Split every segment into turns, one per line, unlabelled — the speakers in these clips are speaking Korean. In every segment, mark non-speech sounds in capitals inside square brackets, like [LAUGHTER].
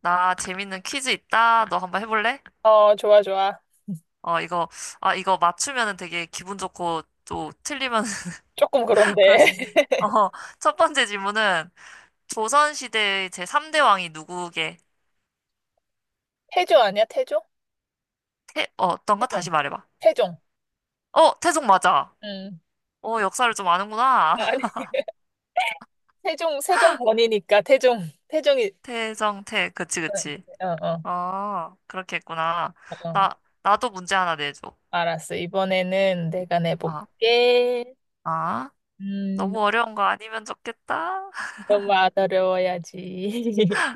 나 재밌는 퀴즈 있다. 너 한번 해볼래?
어, 좋아, 좋아.
이거, 이거 맞추면은 되게 기분 좋고 또 틀리면
조금
[LAUGHS] 그럴
그런데.
수 있는데.
[LAUGHS]
첫 번째 질문은 조선시대의 제3대 왕이 누구게?
태조 아니야? 태조?
어떤가?
태종.
다시 말해봐.
태종.
어, 태종 맞아.
음.
역사를 좀 아는구나.
아니,
[LAUGHS]
태종, 세종 번이니까 태종. 태종이.
태종 태 그치, 그치.
어, 어,
그렇게 했구나.
어.
나도 문제 하나 내줘.
알았어. 이번에는 내가
아,
내볼게.
아,
음,
너무 어려운 거 아니면 좋겠다.
너무 안 어려워야지.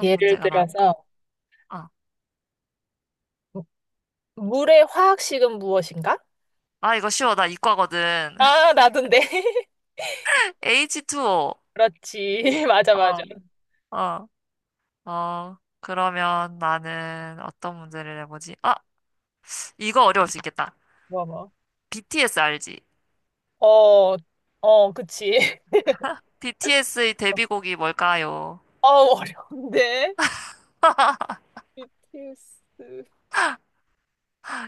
[LAUGHS] 예를
문제가 나올까?
들어서,
아,
물의 화학식은 무엇인가?
이거 쉬워. 나 이과거든.
아, 나도인데. [LAUGHS]
H2O.
그렇지. [LAUGHS] 맞아, 맞아.
어, 어. 그러면 나는 어떤 문제를 내보지? 아, 이거 어려울 수 있겠다.
뭐, 뭐.
BTS 알지?
어, 어, 그치. [LAUGHS]
BTS의 데뷔곡이 뭘까요?
어, 어려운데. BTS.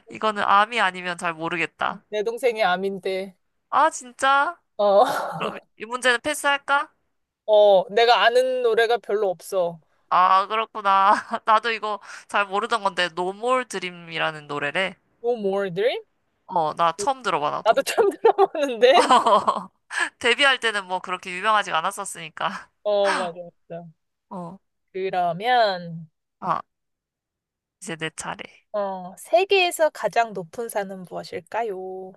이거는 암이 아니면 잘 모르겠다.
내 동생이 암인데.
아, 진짜?
어.
그럼
[LAUGHS]
이 문제는 패스할까?
어, 내가 아는 노래가 별로 없어.
아, 그렇구나. [LAUGHS] 나도 이거 잘 모르던 건데, No More Dream이라는 노래래.
No More Dream?
나 처음 들어봐,
나도
나도.
처음 [LAUGHS] 들어보는데.
[LAUGHS] 데뷔할 때는 뭐 그렇게 유명하지가 않았었으니까.
어, 맞아, 맞아.
어,
그러면,
아, 이제 내 차례.
어, 세계에서 가장 높은 산은 무엇일까요?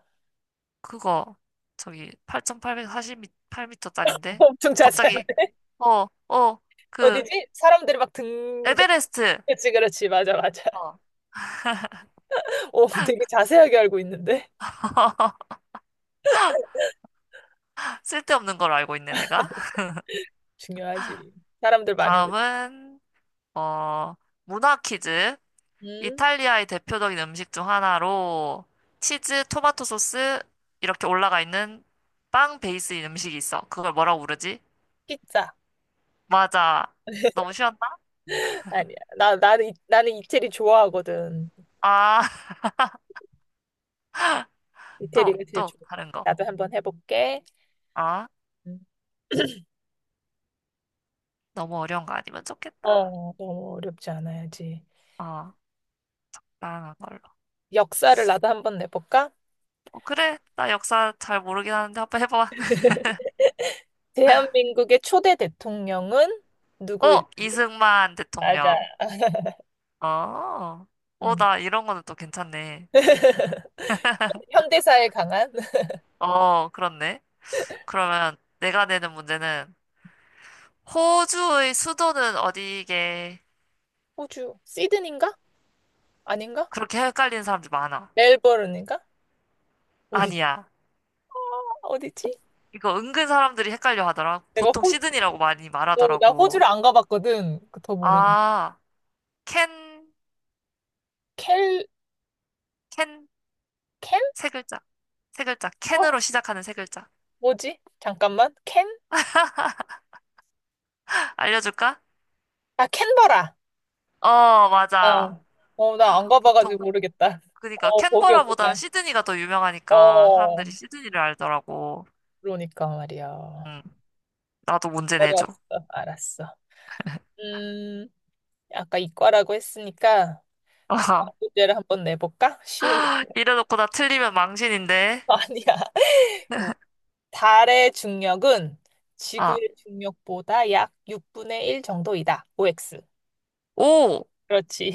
그거 저기
[LAUGHS]
8,848m짜린데
엄청 자세하
갑자기 어, 어, 그
어디지? 사람들이 막 등장.
에베레스트.
그렇지, 그렇지. 맞아, 맞아.
어.
오, 되게 자세하게 알고 있는데.
[LAUGHS] 쓸데없는 걸 알고 있네 내가.
중요하지. 사람들 많이 올.
다음은 어, 문화 퀴즈.
음,
이탈리아의 대표적인 음식 중 하나로 치즈, 토마토 소스 이렇게 올라가 있는 빵 베이스인 음식이 있어. 그걸 뭐라고 부르지?
피자.
맞아. 너무
[LAUGHS]
쉬웠나?
아니야. 나는 이태리 좋아하거든.
아, [LAUGHS] 또,
이태리가 제일
또
좋아.
다른 거.
나도 한번 해볼게.
아,
음. [CLEARS THROAT]
너무 어려운 거 아니면 좋겠다.
어, 너무 어렵지 않아야지.
어. 다양한 걸로.
역사를 나도 한번 내볼까?
어, 그래. 나 역사 잘 모르긴 하는데 한번 해봐.
[LAUGHS] 대한민국의 초대 대통령은
[LAUGHS] 어,
누구일까요?
이승만
맞아.
대통령.
[LAUGHS]
어,
음.
나 이런 거는 또 괜찮네.
[LAUGHS] 현대사에 강한
어, 그렇네. 그러면 내가 내는 문제는 호주의 수도는 어디게?
호주 시드니인가? 아닌가?
그렇게 헷갈리는 사람들 많아.
멜버른인가? 어디
아니야.
어디지?
이거 은근 사람들이 헷갈려 하더라.
내가
보통
호,
시드니라고 많이
어, 나
말하더라고.
호주를 안 가봤거든. 더 모르겠.
아, 캔,
켈,
캔,
켄?
세 글자. 세 글자.
어,
캔으로 시작하는 세 글자.
뭐지? 잠깐만. 켄?
알려줄까?
아, 캔버라.
어,
나,
맞아.
어, 나 안 가봐가지고
보통
모르겠다.
그러니까
어,
캔버라보다는
거기였구나.
시드니가 더 유명하니까
어,
사람들이 시드니를 알더라고.
그러니까 말이야.
응, 나도 문제 내줘.
어려웠어. 알았어. 음, 아까 이과라고 했으니까 과학
[LAUGHS]
문제를 한번 내볼까? 쉬운 거
이래놓고 나 틀리면 망신인데.
[LAUGHS] 아니야. 어, 달의 중력은
아,
지구의 중력보다 약 6분의 1 정도이다. OX.
오!
그렇지.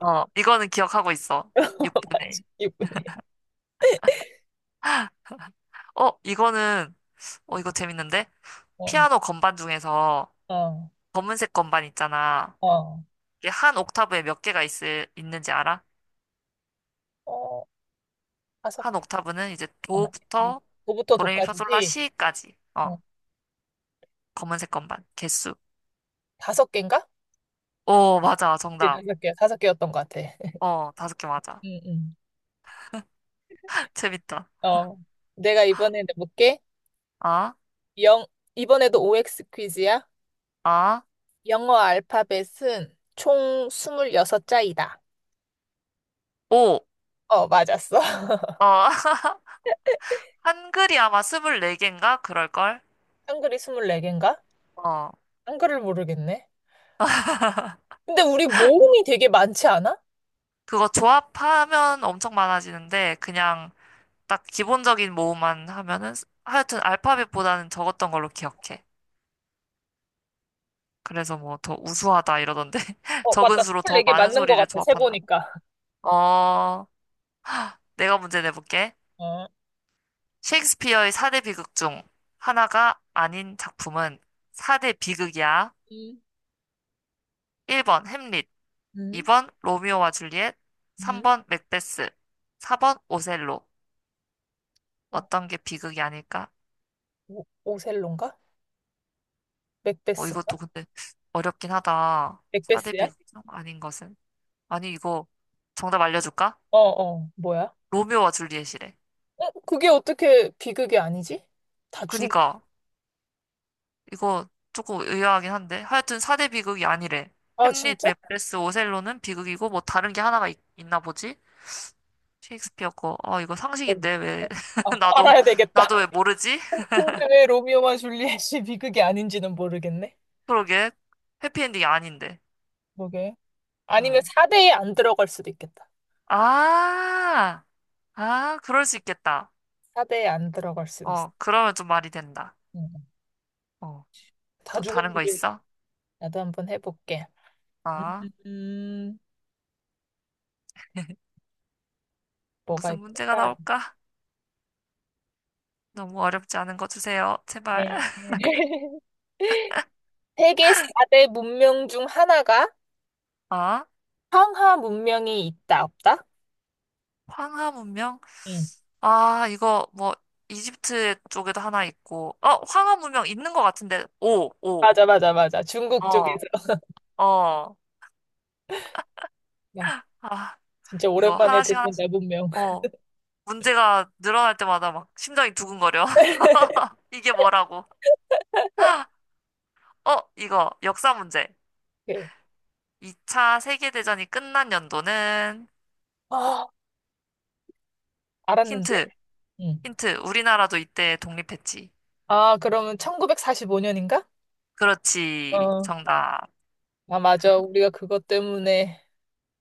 이거는 기억하고 있어.
[LAUGHS] 맞아.
6분의
6분의 1.
어, 이거는, 이거 재밌는데?
어,
피아노 건반 중에서
어,
검은색 건반 있잖아.
어,
이게 한 옥타브에 몇 개가 있는지 알아?
어, 다섯,
한 옥타브는 이제
잠깐만.
도부터
도부터
도레미파솔라
도까지지?
시까지.
어,
어, 검은색 건반. 개수.
5개인가?
오, 맞아.
네,
정답.
5개, 5개였던 것 같아.
어, 5개 맞아.
응, 응.
[LAUGHS] 재밌다.
어, 내가 이번에 내볼게.
아,
영, 이번에도 OX 퀴즈야.
아,
영어 알파벳은 총 26자이다.
오.
어, 맞았어. [LAUGHS]
어, [LAUGHS] 한글이 아마 24개인가? 그럴걸?
한글이 24개인가?
어,
한글을 모르겠네. 근데 우리 모음이 되게 많지 않아?
그거 조합하면 엄청 많아지는데, 그냥 딱 기본적인 모음만 하면은, 하여튼 알파벳보다는 적었던 걸로 기억해. 그래서 뭐 더 우수하다 이러던데. [LAUGHS]
어,
적은
맞다.
수로 더
24개
많은
맞는 것
소리를
같아,
조합한다고.
세보니까. [LAUGHS]
어, 내가 문제 내볼게.
어,
셰익스피어의 4대 비극 중 하나가 아닌 작품은 4대 비극이야.
음,
1번 햄릿,
음,
2번 로미오와 줄리엣,
음.
3번 맥베스, 4번 오셀로.
어,
어떤 게 비극이 아닐까?
오, 오셀로인가? 맥베스인가?
이것도 근데 어렵긴 하다. 4대
맥베스야?
비극 아닌 것은. 아니, 이거 정답 알려줄까?
어, 어, 뭐야?
로미오와 줄리엣이래.
어, 그게 어떻게 비극이 아니지? 다중
그니까, 이거 조금 의아하긴 한데. 하여튼 4대 비극이 아니래.
아,
햄릿,
진짜?
맥베스, 오셀로는 비극이고, 뭐 다른 게 하나가 있, 나 보지? 셰익스피어 거. 아 이거
네.
상식인데, 왜.
아,
[LAUGHS] 나도,
알아야 되겠다.
나도 왜 모르지?
[LAUGHS] 근데 왜 로미오와 줄리엣이 비극이 아닌지는 모르겠네.
그러게. 해피엔딩이 아닌데.
그러게. 아니면
음.
4대에 안 들어갈 수도 있겠다.
아, 그럴 수 있겠다.
4대에 안 들어갈 수도 있어.
그러면 좀 말이 된다.
음.
어,
다
또 다른 거
죽었는데
있어?
나도 한번 해볼게.
아,
음, 뭐가
무슨 문제가
있을까?
나올까? 너무 어렵지 않은 거 주세요. 제발.
네.
[LAUGHS]
[LAUGHS] 세계 4대 문명 중 하나가
아,
황하 문명이 있다, 없다?
황하 문명?
응.
이거 뭐, 이집트 쪽에도 하나 있고. 황하 문명 있는 거 같은데. 오, 오.
맞아, 맞아, 맞아. 중국
어,
쪽에서. [LAUGHS]
어.
야,
아,
진짜
이거
오랜만에
하나씩 하나씩.
듣는다, 문명.
어, 문제가 늘어날 때마다 막 심장이 두근거려.
[LAUGHS]
[LAUGHS] 이게 뭐라고? 이거 역사 문제.
오케이.
2차 세계대전이 끝난 연도는
아, 알았는데?
힌트,
응.
힌트. 우리나라도 이때 독립했지.
아, 그러면 1945년인가?
그렇지.
어.
정답.
아, 맞아. 우리가 그것 때문에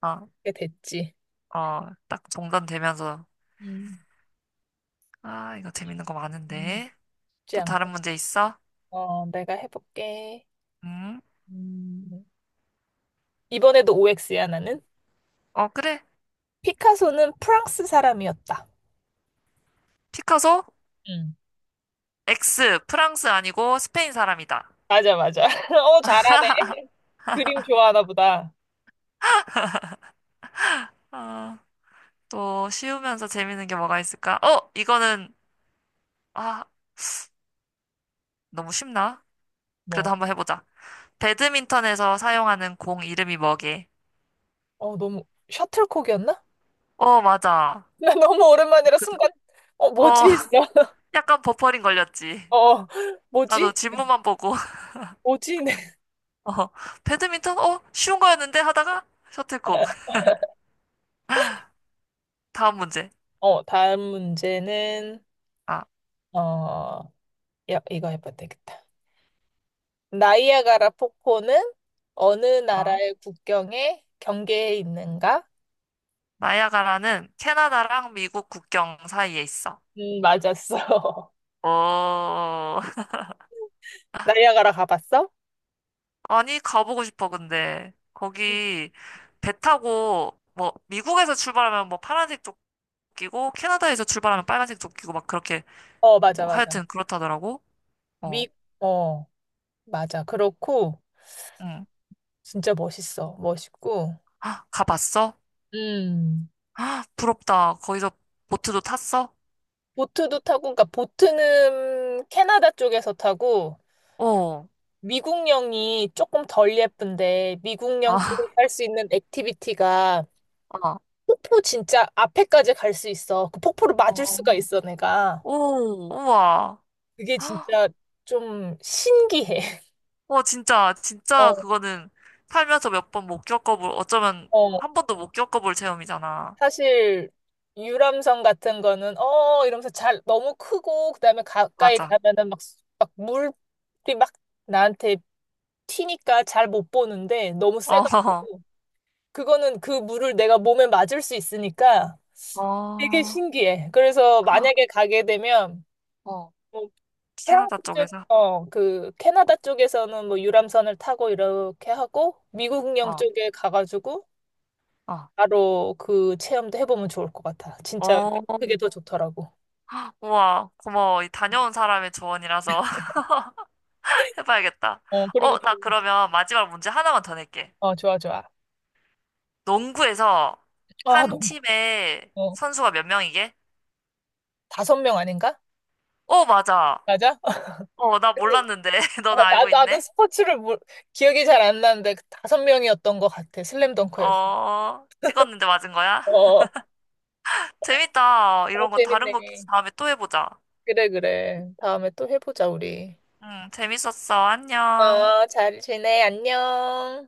어,
그게 됐지.
어, 딱 종전되면서.
음.
아, 이거 재밌는 거
음.
많은데.
쉽지
또 다른
않고.
문제 있어?
어, 내가 해볼게.
음?
음. 이번에도 OX야, 나는.
어, 그래.
피카소는 프랑스 사람이었다.
피카소?
응.
X, 프랑스 아니고 스페인 사람이다.
맞아, 맞아. [LAUGHS] 어, 잘하네. 그림 좋아하나 보다.
아, 또 쉬우면서 재밌는 게 뭐가 있을까? 아, 너무 쉽나? 그래도
뭐.
한번 해보자. 배드민턴에서 사용하는 공 이름이 뭐게?
어, 너무, 셔틀콕이었나? [LAUGHS]
어, 맞아.
나 너무 오랜만이라
그래도
순간, 어,
어,
뭐지 했어. [LAUGHS]
[LAUGHS] 약간 버퍼링 걸렸지.
어,
나도
뭐지?
질문만 보고, [LAUGHS]
뭐지? [LAUGHS] 네.
어, 배드민턴? 어, 쉬운 거였는데? 하다가 셔틀콕. [LAUGHS] 다음 문제.
어, 다음 문제는,
아,
어, 야, 이거 해봐도 되겠다. 나이아가라 폭포는 어느
어.
나라의 국경에 경계에 있는가?
나이아가라는 캐나다랑 미국 국경 사이에 있어.
맞았어. [LAUGHS]
어, [LAUGHS]
나이아가라 가봤어?
아니, 가보고 싶어, 근데. 거기 배 타고, 뭐, 미국에서 출발하면 뭐 파란색 조끼고, 캐나다에서 출발하면 빨간색 조끼고, 막 그렇게,
어, 맞아,
뭐,
맞아.
하여튼 그렇다더라고. 어,
미, 어, 맞아. 그렇고,
응.
진짜 멋있어. 멋있고.
가봤어?
음,
부럽다. 거기서 보트도 탔어?
보트도 타고, 그러니까 보트는 캐나다 쪽에서 타고,
어,
미국령이 조금 덜 예쁜데, 미국령 쪽에서
아,
할 수 있는 액티비티가
아,
폭포 진짜 앞에까지 갈 수 있어. 그 폭포를 맞을 수가
어.
있어, 내가.
오, 우와.
그게
헉,
진짜 좀 신기해. [LAUGHS]
와, 진짜, 진짜
어,
그거는 살면서 몇 번 못 겪어볼, 어쩌면
어.
한 번도 못 겪어볼 체험이잖아.
사실 유람선 같은 거는 이러면서 잘 너무 크고 그다음에 가까이
맞아.
가면은 막, 막 물이 막 나한테 튀니까 잘 못 보는데 너무
어, [LAUGHS]
세가지고 그거는 그 물을 내가 몸에 맞을 수 있으니까 되게
어,
신기해. 그래서 만약에 가게 되면
어.
뭐 프랑스
캐나다
쪽,
쪽에서?
그 캐나다 쪽에서는 뭐 유람선을 타고 이렇게 하고 미국령
어,
쪽에 가가지고
어.
바로 그 체험도 해보면 좋을 것 같아. 진짜
어,
그게 더 좋더라고.
우와, 고마워. 이 다녀온 사람의 조언이라서 [LAUGHS] 해봐야겠다.
어, 그리고
어, 나
또-
그러면 마지막 문제 하나만 더 낼게.
어, 좋아, 좋아.
농구에서
아,
한
너무
팀에
어,
선수가 몇 명이게?
5명 아닌가?
어, 맞아.
맞아?
나
[LAUGHS]
몰랐는데. [LAUGHS] 너는
아, 나,
알고
나도
있네?
스포츠를 몰, 기억이 잘 안 나는데 그 5명이었던 것 같아. 슬램덩크에서.
어, 찍었는데 맞은 거야?
어,
[LAUGHS] 재밌다.
어,
이런 거 다른 거 퀴즈
재밌네.
다음에 또 해보자.
그래, 그래. 다음에 또 해보자, 우리.
응, 재밌었어. 안녕.
어, 잘 지내. 안녕.